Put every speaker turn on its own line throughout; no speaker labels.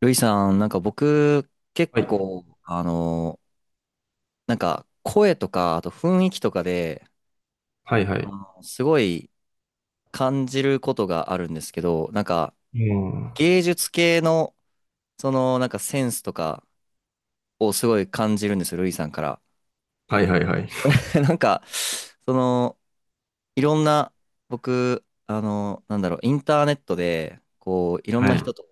ルイさん、なんか僕、結
はい。
構、なんか声とか、あと雰囲気とかで、
はいは
あ
い。
のすごい感じることがあるんですけど、なんか
うん。は
芸術系の、なんかセンスとかをすごい感じるんですよ、ルイさんから。
いはいはい。
なんか、その、いろんな、僕、なんだろう、インターネットで、こう、いろん
は
な
い。
人と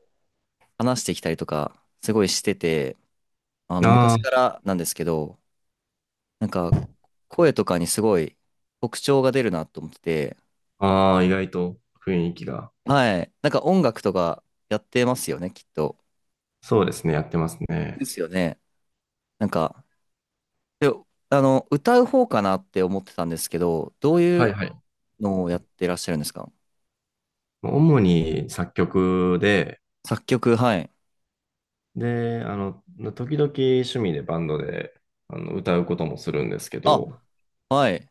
話してきたりとか、すごいしてて、あの、昔か
あ
らなんですけど、なんか、声とかにすごい特徴が出るなと思ってて、
あ、ああ、意外と雰囲気が。
はい。なんか音楽とかやってますよね、きっと。
そうですね、やってますね。
ですよね。なんか、で、あの、歌う方かなって思ってたんですけど、どうい
はい
う
はい。
のをやってらっしゃるんですか？
主に作曲で、
作曲、はい。
で、時々趣味でバンドで歌うこともするんですけ
あ、
ど、
はい。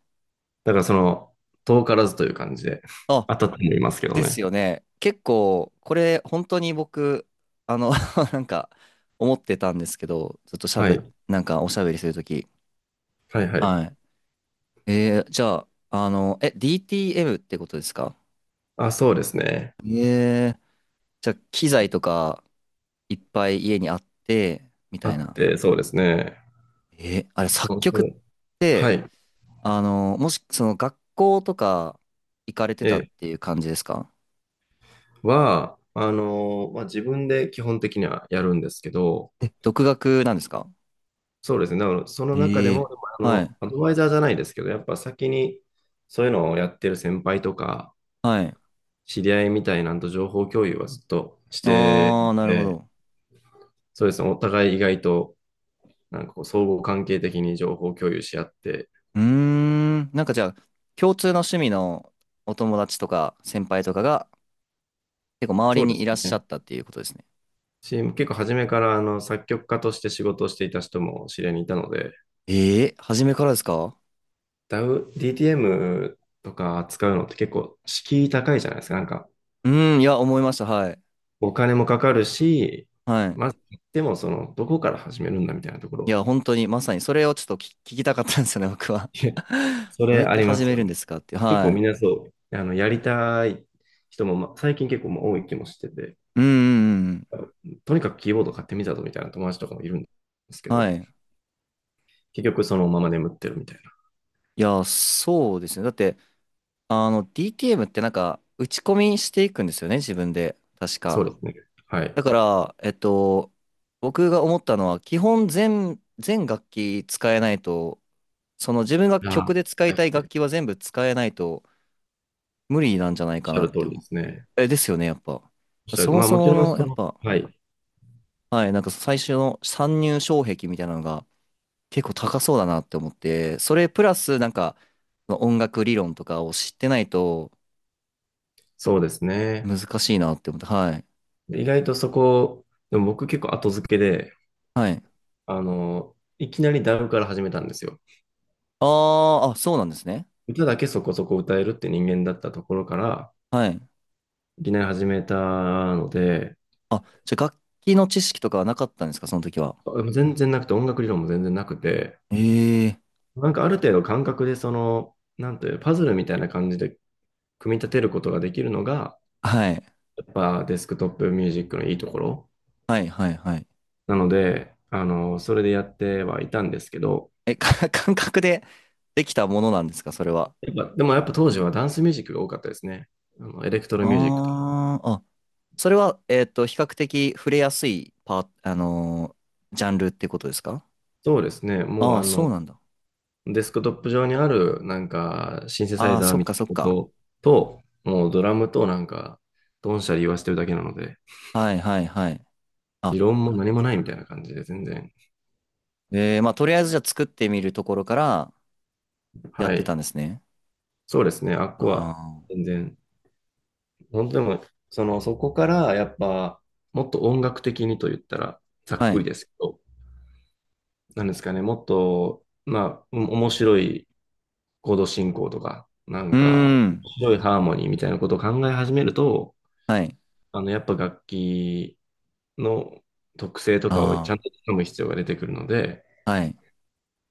だからその、遠からずという感じで、
あ、
当たってもいますけど
です
ね。
よね。結構、これ、本当に僕、あの、なんか、思ってたんですけど、ずっとしゃ
は
べ
い。
なんかおしゃべりするとき。
はいはい。
はい。じゃあ、DTM ってことですか？
あ、そうですね。
ええー、じゃあ、機材とかいっぱい家にあって、み
あ
たい
っ
な。
て、そうですね。
えー、あれ、作
おそ
曲っ
れ、は
て、
い。
あの、もし、学校とか行かれてた
え
っ
え
ていう感じですか？
は、まあ、自分で基本的にはやるんですけど、
え、独学なんですか？
そうですね。だからその中で
え
も、
え
でも
はい、
アドバイザーじゃないですけど、やっぱ先にそういうのをやってる先輩とか、
はい。
知り合いみたいなんと情報共有はずっとして
あー、なるほ
て、
ど。
そうですね。お互い意外と、なんかこう、相互関係的に情報共有し合って、
うーん、なんかじゃあ、共通の趣味のお友達とか先輩とかが結構周
そ
り
うで
にい
す
らっしゃ
ね。
ったっていうことですね。
し結構初めから作曲家として仕事をしていた人も知り合いにいたので、
ええ初めからですか？
d a DTM とか扱うのって結構敷居高いじゃないですか。なんか
うん、いや、思いました。はい。
お金もかかるし、
はい。
まず、でもその、どこから始めるんだみたいなとこ
い
ろ、
や、本当に、まさにそれをちょっと聞きたかったんですよね、僕は。
いや そ
どう
れ
やっ
あ
て
りま
始
す
め
よ
るんで
ね。
すかって。
結
は
構み
い。
んなそう、やりたい人も、ま、最近結構ま多い気もしてて、
うんうんうん。
とにかくキーボード買ってみたぞみたいな友達とかもいるんですけど、
はい。
結局そのまま眠ってるみたいな。
いや、そうですね。だって、あの、DTM ってなんか、打ち込みしていくんですよね、自分で。確
そうで
か。
すね。はい。
だから、えっと、僕が思ったのは、基本全、全楽器使えないと、その自分が
あ
曲
あ、
で使い
は
た
い、
い
はい。お
楽
っ
器は全部使えないと、無理なんじゃないか
しゃ
な
る
っ
通
て
り
思
で
っ
す
て。
ね。
え、ですよね、やっぱ。
おっしゃ
そ
る、
も
まあ
そ
もち
も
ろん
の、
そ
やっ
の、
ぱ、
はい、
はい、なんか最初の参入障壁みたいなのが結構高そうだなって思って、それプラスなんか、その音楽理論とかを知ってないと
そうですね。
難しいなって思って、はい。
で意外とそこ、でも僕結構後付けで、
はい。
いきなりダウから始めたんですよ。
あーあ、そうなんですね。
歌だけそこそこ歌えるって人間だったところから、
はい。
いきなり始めたので、
あ、じゃあ楽器の知識とかはなかったんですか、その時は。
全然なくて、音楽理論も全然なくて、
ええ
なんかある程度感覚で、その、なんていう、パズルみたいな感じで組み立てることができるのが、
はい。
やっぱデスクトップミュージックのいいところ
はい、はい、はい。
なので、それでやってはいたんですけど、
え、か 感覚でできたものなんですか、それは。
やっぱ、でもやっぱ当時はダンスミュージックが多かったですね。エレクトロミュージックと。
あーあ、それは、えっと、比較的触れやすいパー、あのージャンルってことですか？
そうですね。も
あ
う
あー、
あ
そう
の、
なんだ。
デスクトップ上にある、なんか、シンセサイ
ああ、
ザー
そっ
みた
か
い
そっ
な
か。
ことと、もうドラムとなんか、ドンシャリ言わせてるだけなので、
はいはいはい。
理
あ、
論も何もないみたいな感じで、全然。
えー、まあ、とりあえずじゃあ作ってみるところからやっ
は
てた
い。
んですね。
そうですね、あっこは、
あ
全然。本当にもう、その、そこから、やっぱ、もっと音楽的にと言ったら、ざ
あ。
っ
は
く
い。
りですけど、なんですかね、もっと、まあ、お面白いコード進行とか、な
う
ん
ー
か、
ん。
面白いハーモニーみたいなことを考え始めると、
はい。
やっぱ楽器、の特性とかをち
あ
ゃんと掴む必要が出てくるので、
あ。はい。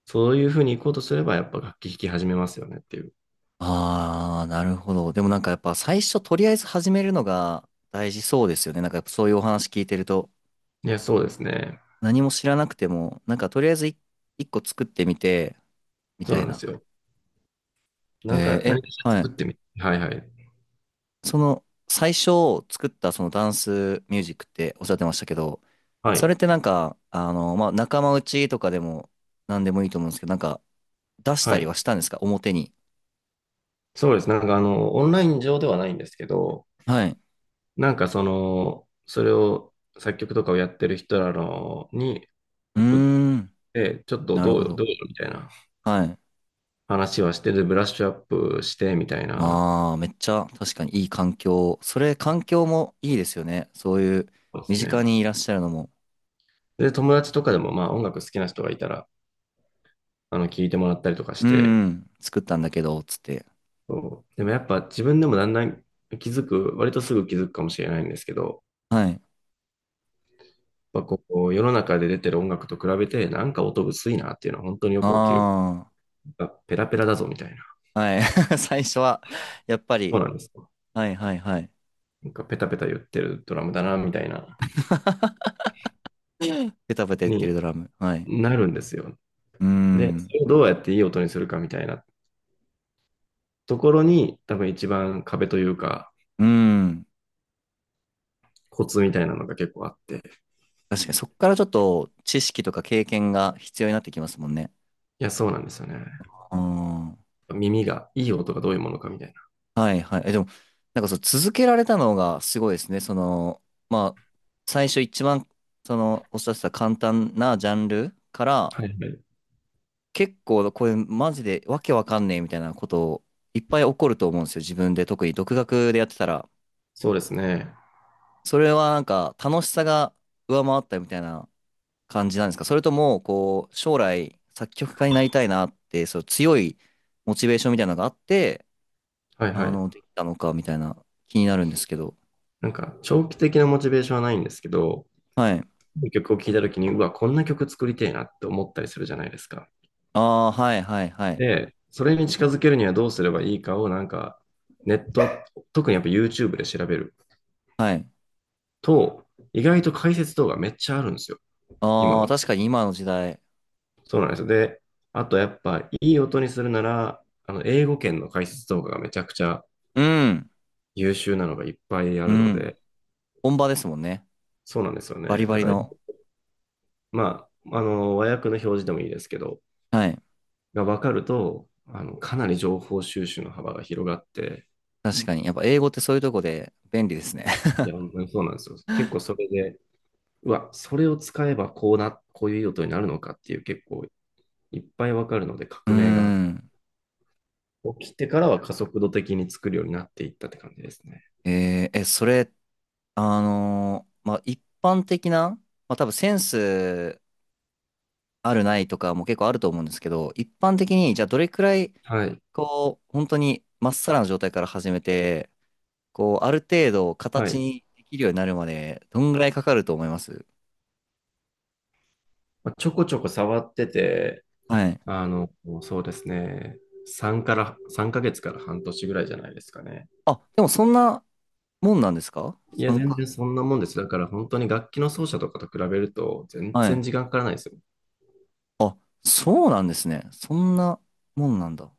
そういうふうに行こうとすれば、やっぱ楽器弾き始めますよねっていう。
ああ、なるほど。でもなんかやっぱ最初とりあえず始めるのが大事そうですよね。なんかやっぱそういうお話聞いてると、
いや、そうですね。
何も知らなくても、なんかとりあえず一個作ってみて、み
そう
た
な
い
んです
な。
よ。
えー
なんか、何
え、
かしら
は
作っ
い。
てみてはいはい。
その、最初作ったそのダンスミュージックっておっしゃってましたけど、
は
それっ
い。
てなんか、あの、まあ、仲間内とかでも何でもいいと思うんですけど、なんか出した
は
り
い。
はしたんですか表に。
そうです。なんか、オンライン上ではないんですけど、
はい。
なんか、その、それを、作曲とかをやってる人らのに
うー
送っ
ん。
て、ちょっと
なる
どう
ほ
よ、ど
ど。
うよ、みたいな
はい。
話はして、で、ブラッシュアップして、みたいな。
ああ、めっちゃ確かにいい環境。それ環境もいいですよね。そういう
そうで
身
す
近
ね。
にいらっしゃるのも。
で、友達とかでも、まあ、音楽好きな人がいたら、聞いてもらったりとかし
うー
て、
ん。作ったんだけど、つって。
そう。でもやっぱ自分でもだんだん気づく、割とすぐ気づくかもしれないんですけど、
はい。
やっぱこう、世の中で出てる音楽と比べて、なんか音薄いなっていうのは本当によく起きる。
あ
あペラペラだぞみたいな。
あ。はい。最初は、やっぱ
そう
り、
なんですよ。
はいはいはい。
なんかペタペタ言ってるドラムだなみたいな、
ペタペタ言ってる
に
ドラム。はい。
なるんですよ。
うー
で、そ
ん。
れをどうやっていい音にするかみたいなところに、多分一番壁というか、
うーん。
コツみたいなのが結構あって。い
確かにそこからちょっと知識とか経験が必要になってきますもんね。
や、そうなんですよね。
うん。
耳が、いい音がどういうものかみたいな。
はいはい。え、でも、なんかそう続けられたのがすごいですね。まあ、最初一番、その、おっしゃってた簡単なジャンルから、
はいはい。
結構これマジでわけわかんねえみたいなことをいっぱい起こると思うんですよ。自分で特に独学でやってたら。
そうですね。
それはなんか楽しさが上回ったみたいな感じなんですか？それとも、こう、将来、作曲家になりたいなって、そう、強いモチベーションみたいなのがあって、
はいは
あ
い。
の、できたのか、みたいな、気になるんですけど。
なんか、長期的なモチベーションはないんですけど、
はい。
曲を聴いたときに、うわ、こんな曲作りてえなって思ったりするじゃないですか。
ああ、はいはいはい。
で、それに近づけるにはどうすればいいかを、なんか、ネット、特にやっぱ YouTube で調べる
はい。
と、意外と解説動画めっちゃあるんですよ、今
ああ、
は。
確かに今の時代。
そうなんですよ。で、あとやっぱ、いい音にするなら、英語圏の解説動画がめちゃくちゃ
うん。
優秀なのがいっぱいあ
う
るの
ん。
で、
本場ですもんね。
そうなんですよ
バリ
ね。
バ
だ
リ
から、
の。
まあ、和訳の表示でもいいですけど、
はい。
が分かると、かなり情報収集の幅が広がって、
確かに。やっぱ英語ってそういうとこで便利ですね。
いや、本当にそうなんですよ。結構それで、うわ、それを使えばこうな、こういう用途になるのかっていう結構いっぱい分かるので、
うー
革命が
ん。
起きてからは加速度的に作るようになっていったって感じですね。
えーえ、それ、あのーまあ、一般的な、まあ、多分センスあるないとかも結構あると思うんですけど、一般的に、じゃあどれくらい、
はい。
こう、本当にまっさらな状態から始めて、こう、ある程度
は
形
い。
にできるようになるまで、どんぐらいかかると思います？
まあ、ちょこちょこ触ってて、
はい。
あの、そうですね。3ヶ月から半年ぐらいじゃないですかね。
あ、でもそんなもんなんですか
いや、
参
全
加。
然そんなもんです。だから本当に楽器の奏者とかと比べると、全
はい。
然時間かからないですよ。
あ、そうなんですね。そんなもんなんだ。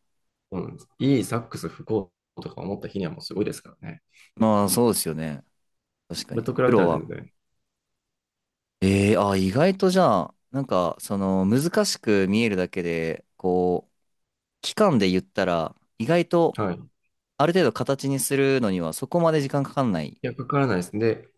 うんいいサックス吹こうとか思った日にはもうすごいですからね。
まあ、そうですよね。確か
これ
に。
と比
プ
べた
ロ
ら全
は。
然。
ええあ、意外とじゃあ、なんか、その、難しく見えるだけで、こう、期間で言ったら、意外と
はい。い
ある程度形にするのにはそこまで時間かかんない。
や、かからないですね。で、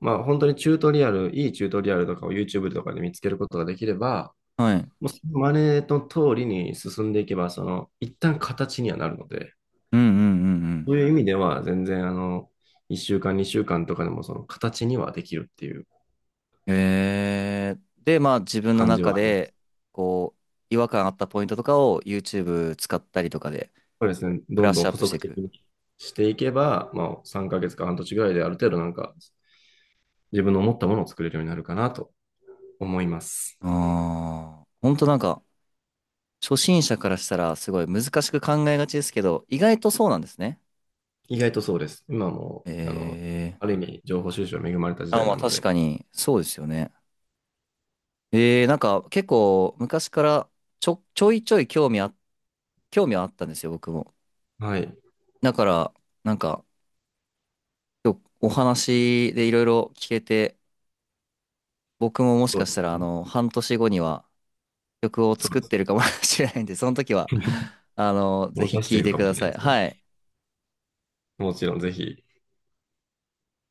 まあ本当にチュートリアル、いいチュートリアルとかを YouTube とかで見つけることができれば、
はい。
もうその真似の通りに進んでいけば、その、一旦形にはなるので、
うんうんうん
そういう意味では全然あの、1週間、2週間とかでもその形にはできるっていう
うん。えー、で、まあ自分の
感じ
中
はありま
で、
す。
こう、違和感あったポイントとかを YouTube 使ったりとかで
そうですね。
ブ
ど
ラッ
んど
シ
ん
ュアッ
補
プして
足
い
的
く。
にしていけば、まあ3ヶ月か半年ぐらいである程度なんか自分の思ったものを作れるようになるかなと思います。
ああ、ほんとなんか、初心者からしたらすごい難しく考えがちですけど、意外とそうなんですね。
意外とそうです。今も、
え
ある意味、情報収集に恵まれた時
ー、あ、
代
まあ
なの
確
で、
かに、そうですよね。えー、なんか結構昔からちょいちょい興味はあったんですよ、僕も。
はい、
だから、なんか、今日お話でいろいろ聞けて、僕ももし
そう
か
で
し
す
たら、あ
ね。
の、半年後には曲を
そ
作
う
っ
です
て
ね。
るかも しれないんで、その時は、あの、ぜ
もう
ひ
出し
聞
て
い
いる
て
か
く
もし
だ
れない
さい。
ですね。
はい。
もちろん、ぜひ、